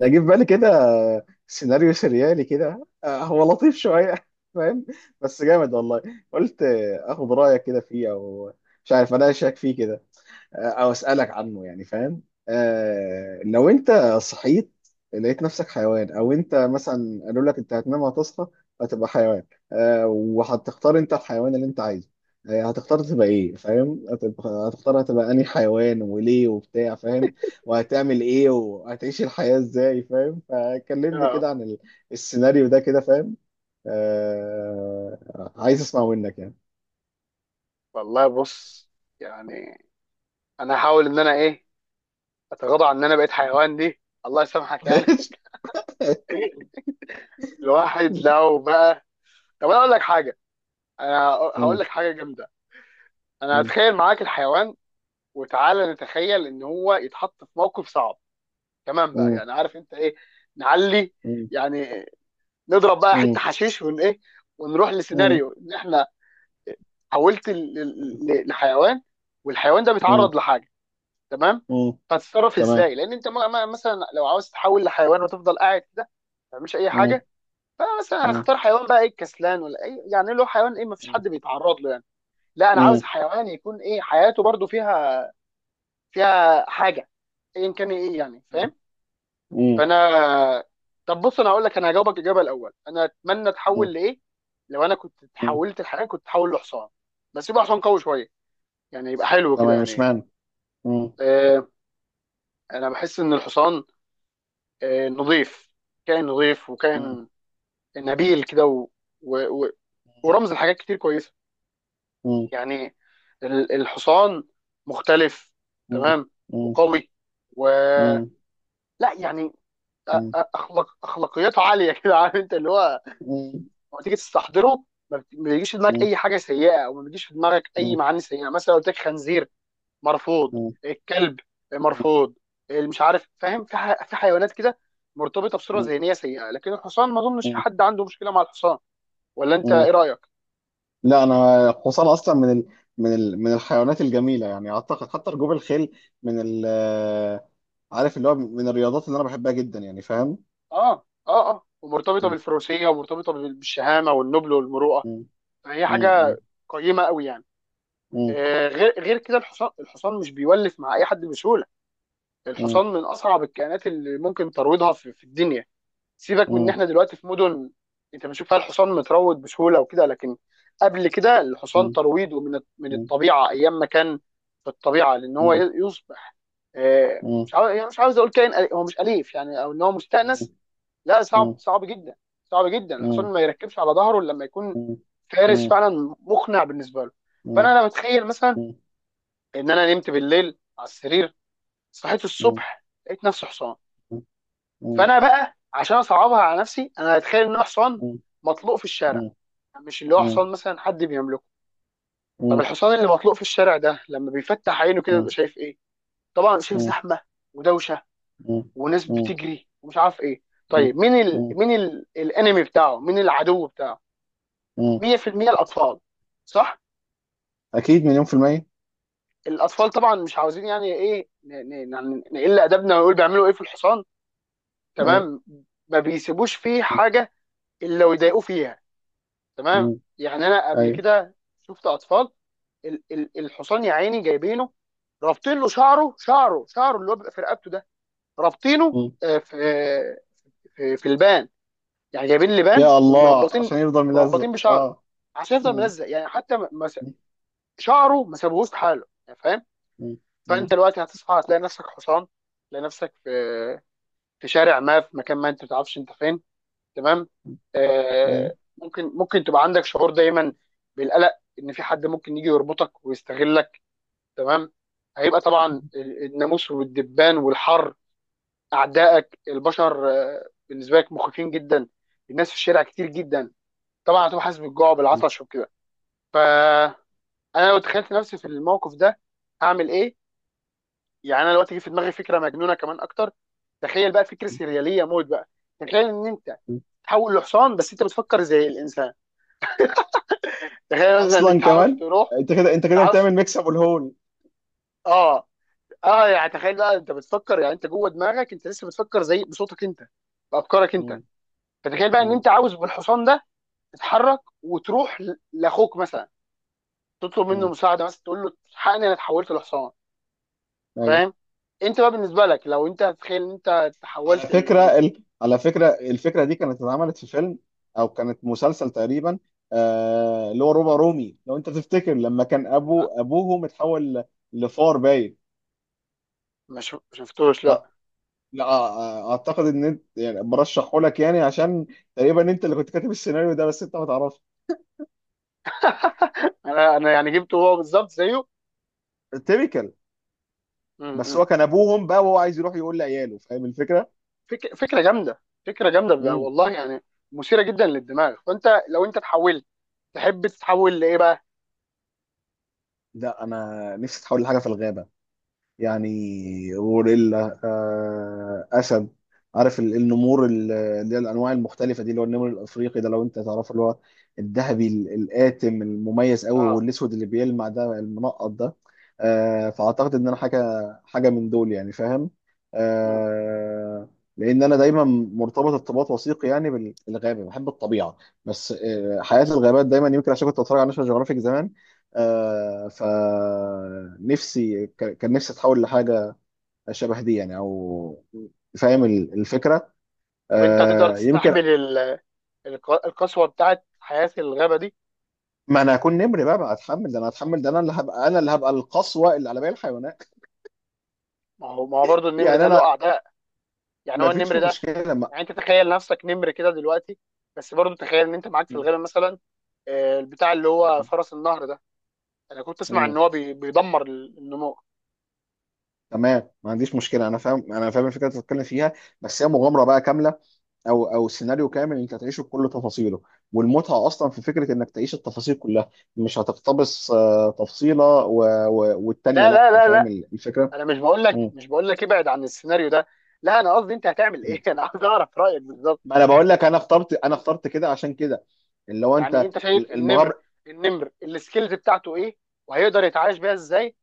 ده جه في بالي كده، سيناريو سريالي كده، هو لطيف شوية. فاهم. بس جامد والله. قلت اخد رأيك كده فيه، او مش عارف اناقشك فيه كده، او اسالك عنه، يعني فاهم. لو انت صحيت لقيت نفسك حيوان، او انت مثلا قالوا لك انت هتنام وهتصحى هتبقى حيوان. وهتختار انت الحيوان اللي انت عايزه. هتختار تبقى ايه، فاهم، هتبقى هتبقى انهي حيوان وليه وبتاع فاهم، وهتعمل ايه وهتعيش الحياة ازاي، فاهم. فكلمني اه، كده عن السيناريو ده كده، فاهم. عايز اسمع منك يعني. والله بص، يعني انا هحاول ان انا ايه، اتغاضى عن ان انا بقيت حيوان دي، الله يسامحك يعني. الواحد لو بقى، طب انا اقول لك حاجه، انا هقول مم. لك حاجه جامده. انا مم. هتخيل معاك الحيوان، وتعالى نتخيل ان هو يتحط في موقف صعب، تمام بقى، مم. يعني عارف انت ايه، نعلي يعني، نضرب بقى مم. حته حشيش ون ايه، ونروح مم. لسيناريو ان احنا حولت مم. لحيوان والحيوان ده مم. بيتعرض لحاجه، تمام. مم. هتتصرف تمام. ازاي؟ لان انت مثلا لو عاوز تحول لحيوان وتفضل قاعد كده ما تعملش اي مم. حاجه. فمثلا مم. هختار حيوان بقى ايه، الكسلان؟ ولا اي يعني له حيوان ايه، ما فيش مم. حد بيتعرض له يعني. لا انا عاوز مم. حيوان يكون ايه، حياته برضو فيها حاجه ايا كان ايه يعني، فاهم؟ مم. فانا، طب بص، انا هقول لك، انا هجاوبك الاجابه الاول، انا اتمنى مم. اتحول لايه. لو انا كنت مم. اتحولت لحيوان كنت اتحول لحصان، بس يبقى حصان قوي شويه، يعني يبقى حلو كده تمام مش يعني. معنى. مم. آه، انا بحس ان الحصان نظيف، كائن نظيف، مم. وكائن نبيل كده و... و... ورمز لحاجات كتير كويسه. مم. يعني الحصان مختلف، مم. تمام، مم. وقوي، و، مم. لا يعني، مم. اخلاق اخلاقياته عاليه كده. عارف انت اللي هو مم. لما تيجي تستحضره ما بيجيش في دماغك مم. اي حاجه سيئه، او ما بيجيش في دماغك اي معاني سيئه. مثلا لو قلت لك خنزير، مرفوض. مم. الكلب، مرفوض. مش عارف، فاهم، في في حيوانات كده مرتبطه بصوره مم. ذهنيه سيئه، لكن الحصان ما اظنش في حد عنده مشكله مع الحصان. ولا انت مم. ايه رايك؟ لا، انا قوصان اصلا من الحيوانات الجميله، يعني اعتقد حتى ركوب الخيل من ال... عارف اللي هو من الرياضات اللي انا بحبها جدا، يعني فاهم. اه، اه، اه، ومرتبطه مم. بالفروسيه، ومرتبطه بالشهامه والنبل والمروءه. مم. فهي حاجه مم. قيمه قوي يعني. مم. آه، غير كده، الحصان، الحصان مش بيولف مع اي حد بسهوله. مم. الحصان من اصعب الكائنات اللي ممكن ترويضها في الدنيا. سيبك من ان مم. احنا دلوقتي في مدن انت بتشوف فيها الحصان متروض بسهوله وكده، لكن قبل كده الحصان مم. ترويضه من مم. الطبيعه، ايام ما كان في الطبيعه، لان هو مم. يصبح، مم. مش عاوز يعني، مش عاوز اقول كائن هو مش اليف يعني، او ان هو مم. مستانس. لا، صعب، مم. صعب جدا، صعب جدا. الحصان مم. ما يركبش على ظهره إلا لما يكون فارس مم. فعلا مقنع بالنسبه له. فانا مم. بتخيل مثلا ان انا نمت بالليل على السرير، صحيت مم. مم. الصبح لقيت نفسي حصان. فانا بقى عشان اصعبها على نفسي انا هتخيل ان هو حصان مم. مطلوق في الشارع، مش اللي هو حصان مثلا حد بيملكه. طب الحصان اللي مطلوق في الشارع ده لما بيفتح عينه كده بيبقى شايف ايه؟ طبعا شايف مم. زحمه ودوشه، وناس بتجري، ومش عارف ايه. مم. طيب مين الانمي بتاعه، مين العدو بتاعه؟ مم. 100% الاطفال، صح. أكيد مليون في المية. الاطفال طبعا مش عاوزين يعني ايه نقل ادبنا ونقول بيعملوا ايه في الحصان، أيوة. تمام؟ ما بيسيبوش فيه حاجه الا ويضايقوه فيها. تمام، مم. يعني انا قبل أيوة. كده شفت اطفال الحصان يا عيني جايبينه، رابطين له شعره، اللي هو بيبقى في رقبته ده، رابطينه مم. آه، في البان يعني جايبين لبان يا الله، ومربطين، عشان يفضل ملزق بشعره أه. عشان يفضل مم. ملزق، يعني حتى ما ما س- مم. شعره ما سابوهوش في حاله يعني، فاهم؟ مم. فانت دلوقتي هتصحى، هتلاقي نفسك حصان، تلاقي نفسك في شارع ما، في مكان ما انت ما تعرفش انت فين. تمام، مم. آه، أيوة. ممكن، تبقى عندك شعور دايما بالقلق، ان في حد ممكن يجي يربطك ويستغلك. تمام. هيبقى طبعا الناموس والدبان والحر، اعدائك البشر، آه، بالنسبه لك مخيفين جدا. الناس في الشارع كتير جدا. طبعا هتبقى حاسس بالجوع مم. وبالعطش وكده. فانا لو تخيلت نفسي في الموقف ده هعمل ايه؟ يعني انا دلوقتي جه في دماغي فكره مجنونه كمان اكتر. تخيل بقى فكره سرياليه موت بقى، تخيل ان انت مم. تحول لحصان بس انت بتفكر زي الانسان. تخيل مثلا ان أصلا انت عاوز كمان، تروح، أنت كده أنت انت كده عاوز، بتعمل ميكس أبو الهول. اه، اه، يعني تخيل بقى انت بتفكر، يعني انت جوه دماغك انت لسه بتفكر زي بصوتك انت، بافكارك انت. مم. فتخيل بقى ان مم. انت عاوز بالحصان ده تتحرك وتروح لاخوك مثلا، تطلب منه مم. مساعده، مثلا تقول له الحقني انا اتحولت لحصان، أيوة. فاهم؟ انت بقى بالنسبه لك، لو انت تخيل ان انت تحولت ال... على فكرة الفكرة دي كانت اتعملت في فيلم، أو كانت مسلسل تقريبا. اللي هو روبا رومي، لو أنت تفتكر لما كان أبو لا، أبوه متحول لفار باين. ما شفتوش لا. أ- لا، أعتقد إن أنت يعني برشحه لك، يعني عشان تقريبا أنت اللي كنت كاتب السيناريو ده بس أنت ما تعرفش. انا يعني جبته هو بالظبط زيه. تيبيكال. م-. بس م. هو كان أبوهم بقى، وهو عايز يروح يقول لعياله، فاهم الفكرة؟ فكره جامده، فكره جامده بقى، امم والله يعني مثيره جدا للدماغ. فانت لو انت اتحولت تحب تتحول لايه بقى؟ لا، أنا نفسي أتحول لحاجة في الغابة، يعني مم. غوريلا، اسد. عارف النمور، اللي هي الانواع المختلفه دي، اللي هو النمر الافريقي ده لو انت تعرفه، اللي هو الذهبي القاتم المميز قوي، اه. والاسود اللي بيلمع ده، المنقط ده. فاعتقد ان انا حاجه من دول يعني فاهم. مم. آه، لان انا دايما مرتبط ارتباط وثيق يعني بالغابه، بحب الطبيعه، بس حياه الغابات دايما، يمكن عشان كنت بتفرج على ناشونال جيوغرافيك زمان. فنفسي كان نفسي اتحول لحاجه شبه دي يعني، او فاهم الفكره، طب انت هتقدر يمكن. تستحمل القسوه بتاعت حياه الغابه دي؟ ما انا هكون نمر بقى، ما هتحمل ده، انا هتحمل ده، انا اللي هبقى، انا اللي هبقى القسوه اللي على باقي الحيوانات، ما هو برضه النمر يعني ده له انا اعداء، يعني ما هو فيش النمر ده، مشكله ما... يعني انت تخيل نفسك نمر كده دلوقتي، بس برضه تخيل ان انت معاك في م- الغابه مثلا آه، البتاع اللي هو م- فرس النهر ده، انا كنت اسمع م- ان هو بيدمر النمور تمام، ما عنديش مشكله، انا فاهم، انا فاهم الفكره اللي بتتكلم فيها، بس هي مغامره بقى كامله، او او سيناريو كامل انت هتعيشه بكل تفاصيله، والمتعه اصلا في فكره انك تعيش التفاصيل كلها، مش هتقتبس تفصيله والتانيه، لا، لا، لا، لا، فاهم لا، الفكره؟ انا مش بقول لك، مم. ابعد عن السيناريو ده. لا انا قصدي انت هتعمل مم. ايه؟ انا عايز اعرف رايك بالظبط. ما انا بقول لك، انا اخترت، كده عشان كده، اللي هو يعني انت انت شايف النمر، المغامره. النمر السكيلز بتاعته ايه، وهيقدر يتعايش بيها ازاي،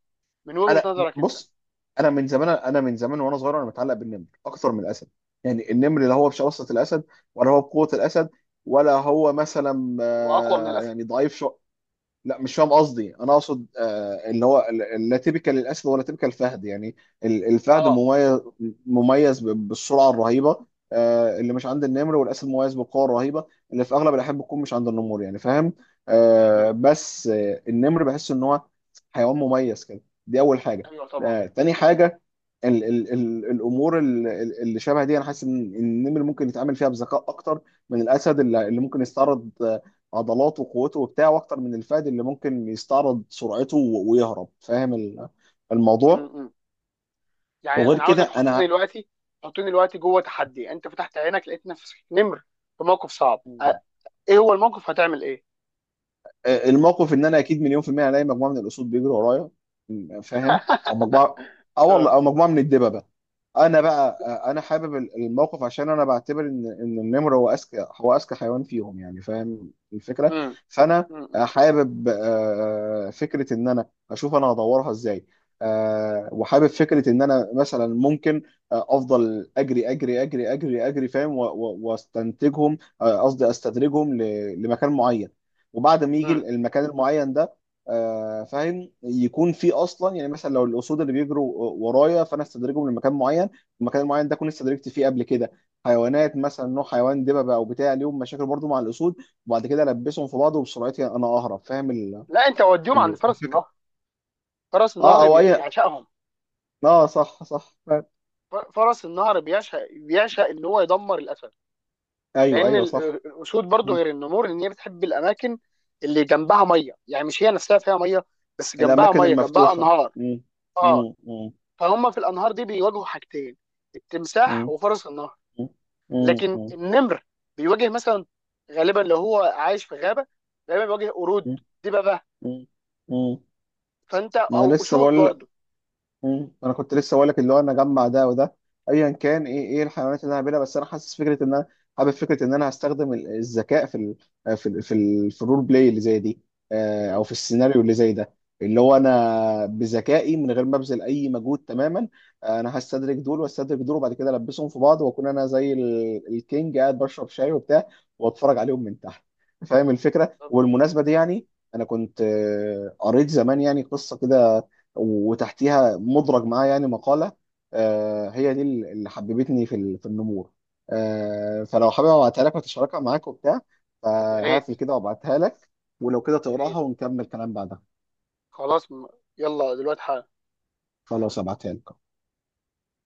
من وجهة انا نظرك انت؟ بص، انا من زمان، انا من زمان وانا صغير، انا متعلق بالنمر اكثر من الاسد، يعني النمر لا مم. هو بشراسه الاسد، ولا هو بقوه الاسد، ولا هو مثلا هو اقوى من الاسد. يعني ضعيف شو. لا، مش فاهم قصدي، انا اقصد اللي هو لا تيبيكال الاسد ولا تيبيكال الفهد يعني. الفهد اه. مميز، مميز بالسرعه الرهيبه، اللي مش عند النمر، والاسد مميز بالقوه الرهيبه اللي في اغلب الاحيان بتكون مش عند النمور، يعني فاهم. مم. بس النمر بحس ان هو حيوان مميز كده، دي اول حاجه. ايوه طبعا. تاني حاجه، ال ال ال الامور اللي شبه دي، انا حاسس ان إن النمر ممكن يتعامل فيها بذكاء اكتر من الاسد، اللي ممكن يستعرض عضلاته وقوته وبتاع، واكتر من الفهد اللي ممكن يستعرض سرعته ويهرب، فاهم مم. الموضوع. مم. يعني وغير انا كده عاوزك تحطني انا دلوقتي، جوه تحدي، انت فتحت عينك لقيت نفسك نمر في موقف صعب، آه. ايه هو الموقف، هتعمل ايه؟ الموقف ان انا اكيد مليون في المية الاقي مجموعة من الاسود بيجروا ورايا، فاهم، او مجموعة، اه اه. والله، او مجموعة من الدببة. انا بقى انا حابب الموقف، عشان انا بعتبر ان النمر هو اذكى، هو اذكى حيوان فيهم، يعني فاهم الفكره. مم. فانا مم. مم. حابب فكره ان انا اشوف انا هدورها ازاي. وحابب فكره ان انا مثلا ممكن افضل اجري اجري اجري اجري اجري، فاهم، واستنتجهم، قصدي استدرجهم لمكان معين. وبعد ما يجي مم. المكان المعين ده، فاهم، يكون في اصلا يعني مثلا لو الاسود اللي بيجروا ورايا، فانا استدرجهم لمكان معين. المكان المعين ده كنت استدركت فيه قبل كده حيوانات، مثلا نوع حيوان دببه او بتاع، ليهم مشاكل برضو مع الاسود، وبعد كده البسهم في بعض وبسرعتي انا اهرب، فاهم لا، انت وديهم عند ال... فرس النهر، فرس اه، النهر او اي، بيعشقهم اه صح صح فاهم. فرس النهر بيعشق، ان هو يدمر الاسد، ايوه لان ايوه صح. الاسود برضو، مم. غير النمور، ان هي بتحب الاماكن اللي جنبها ميه، يعني مش هي نفسها فيها ميه، بس جنبها الاماكن ميه، جنبها المفتوحه. انهار. مم. اه، مم. مم. فهم في الانهار دي بيواجهوا حاجتين، التمساح مم. وفرس النهر. مم. لكن مم. النمر بيواجه مثلا، غالبا لو هو عايش في غابه، غالبا بيواجه قرود، مم. دببه، مم. مم. فانت، ما انا او لسه اسود بقول. برضو. مم. انا كنت لسه بقول لك اللي هو انا اجمع ده وده، ايا كان ايه ايه الحيوانات اللي انا هعملها، بس انا حاسس فكره ان انا حابب فكره ان انا هستخدم الذكاء في ال في ال في, ال في الرول بلاي اللي زي دي، مم. او في السيناريو اللي زي ده، اللي هو انا بذكائي من غير ما ابذل اي مجهود تماما. انا هستدرك دول واستدرك دول، وبعد كده البسهم في بعض، واكون انا زي الكينج قاعد بشرب شاي وبتاع، واتفرج عليهم من تحت، فاهم الفكره. بالظبط. وبالمناسبه دي يعني انا كنت قريت زمان يعني قصه كده، وتحتيها مدرج معاه يعني مقالة، هي دي اللي حببتني في في النمور. فلو حابب ابعتها لك وتشاركها معاك وبتاع، يا ريت، فهقفل كده وابعتها لك، ولو كده يا تقراها ريت. ونكمل كلام بعدها. خلاص، م-، يلا دلوقتي. خلاص ابعتها لك.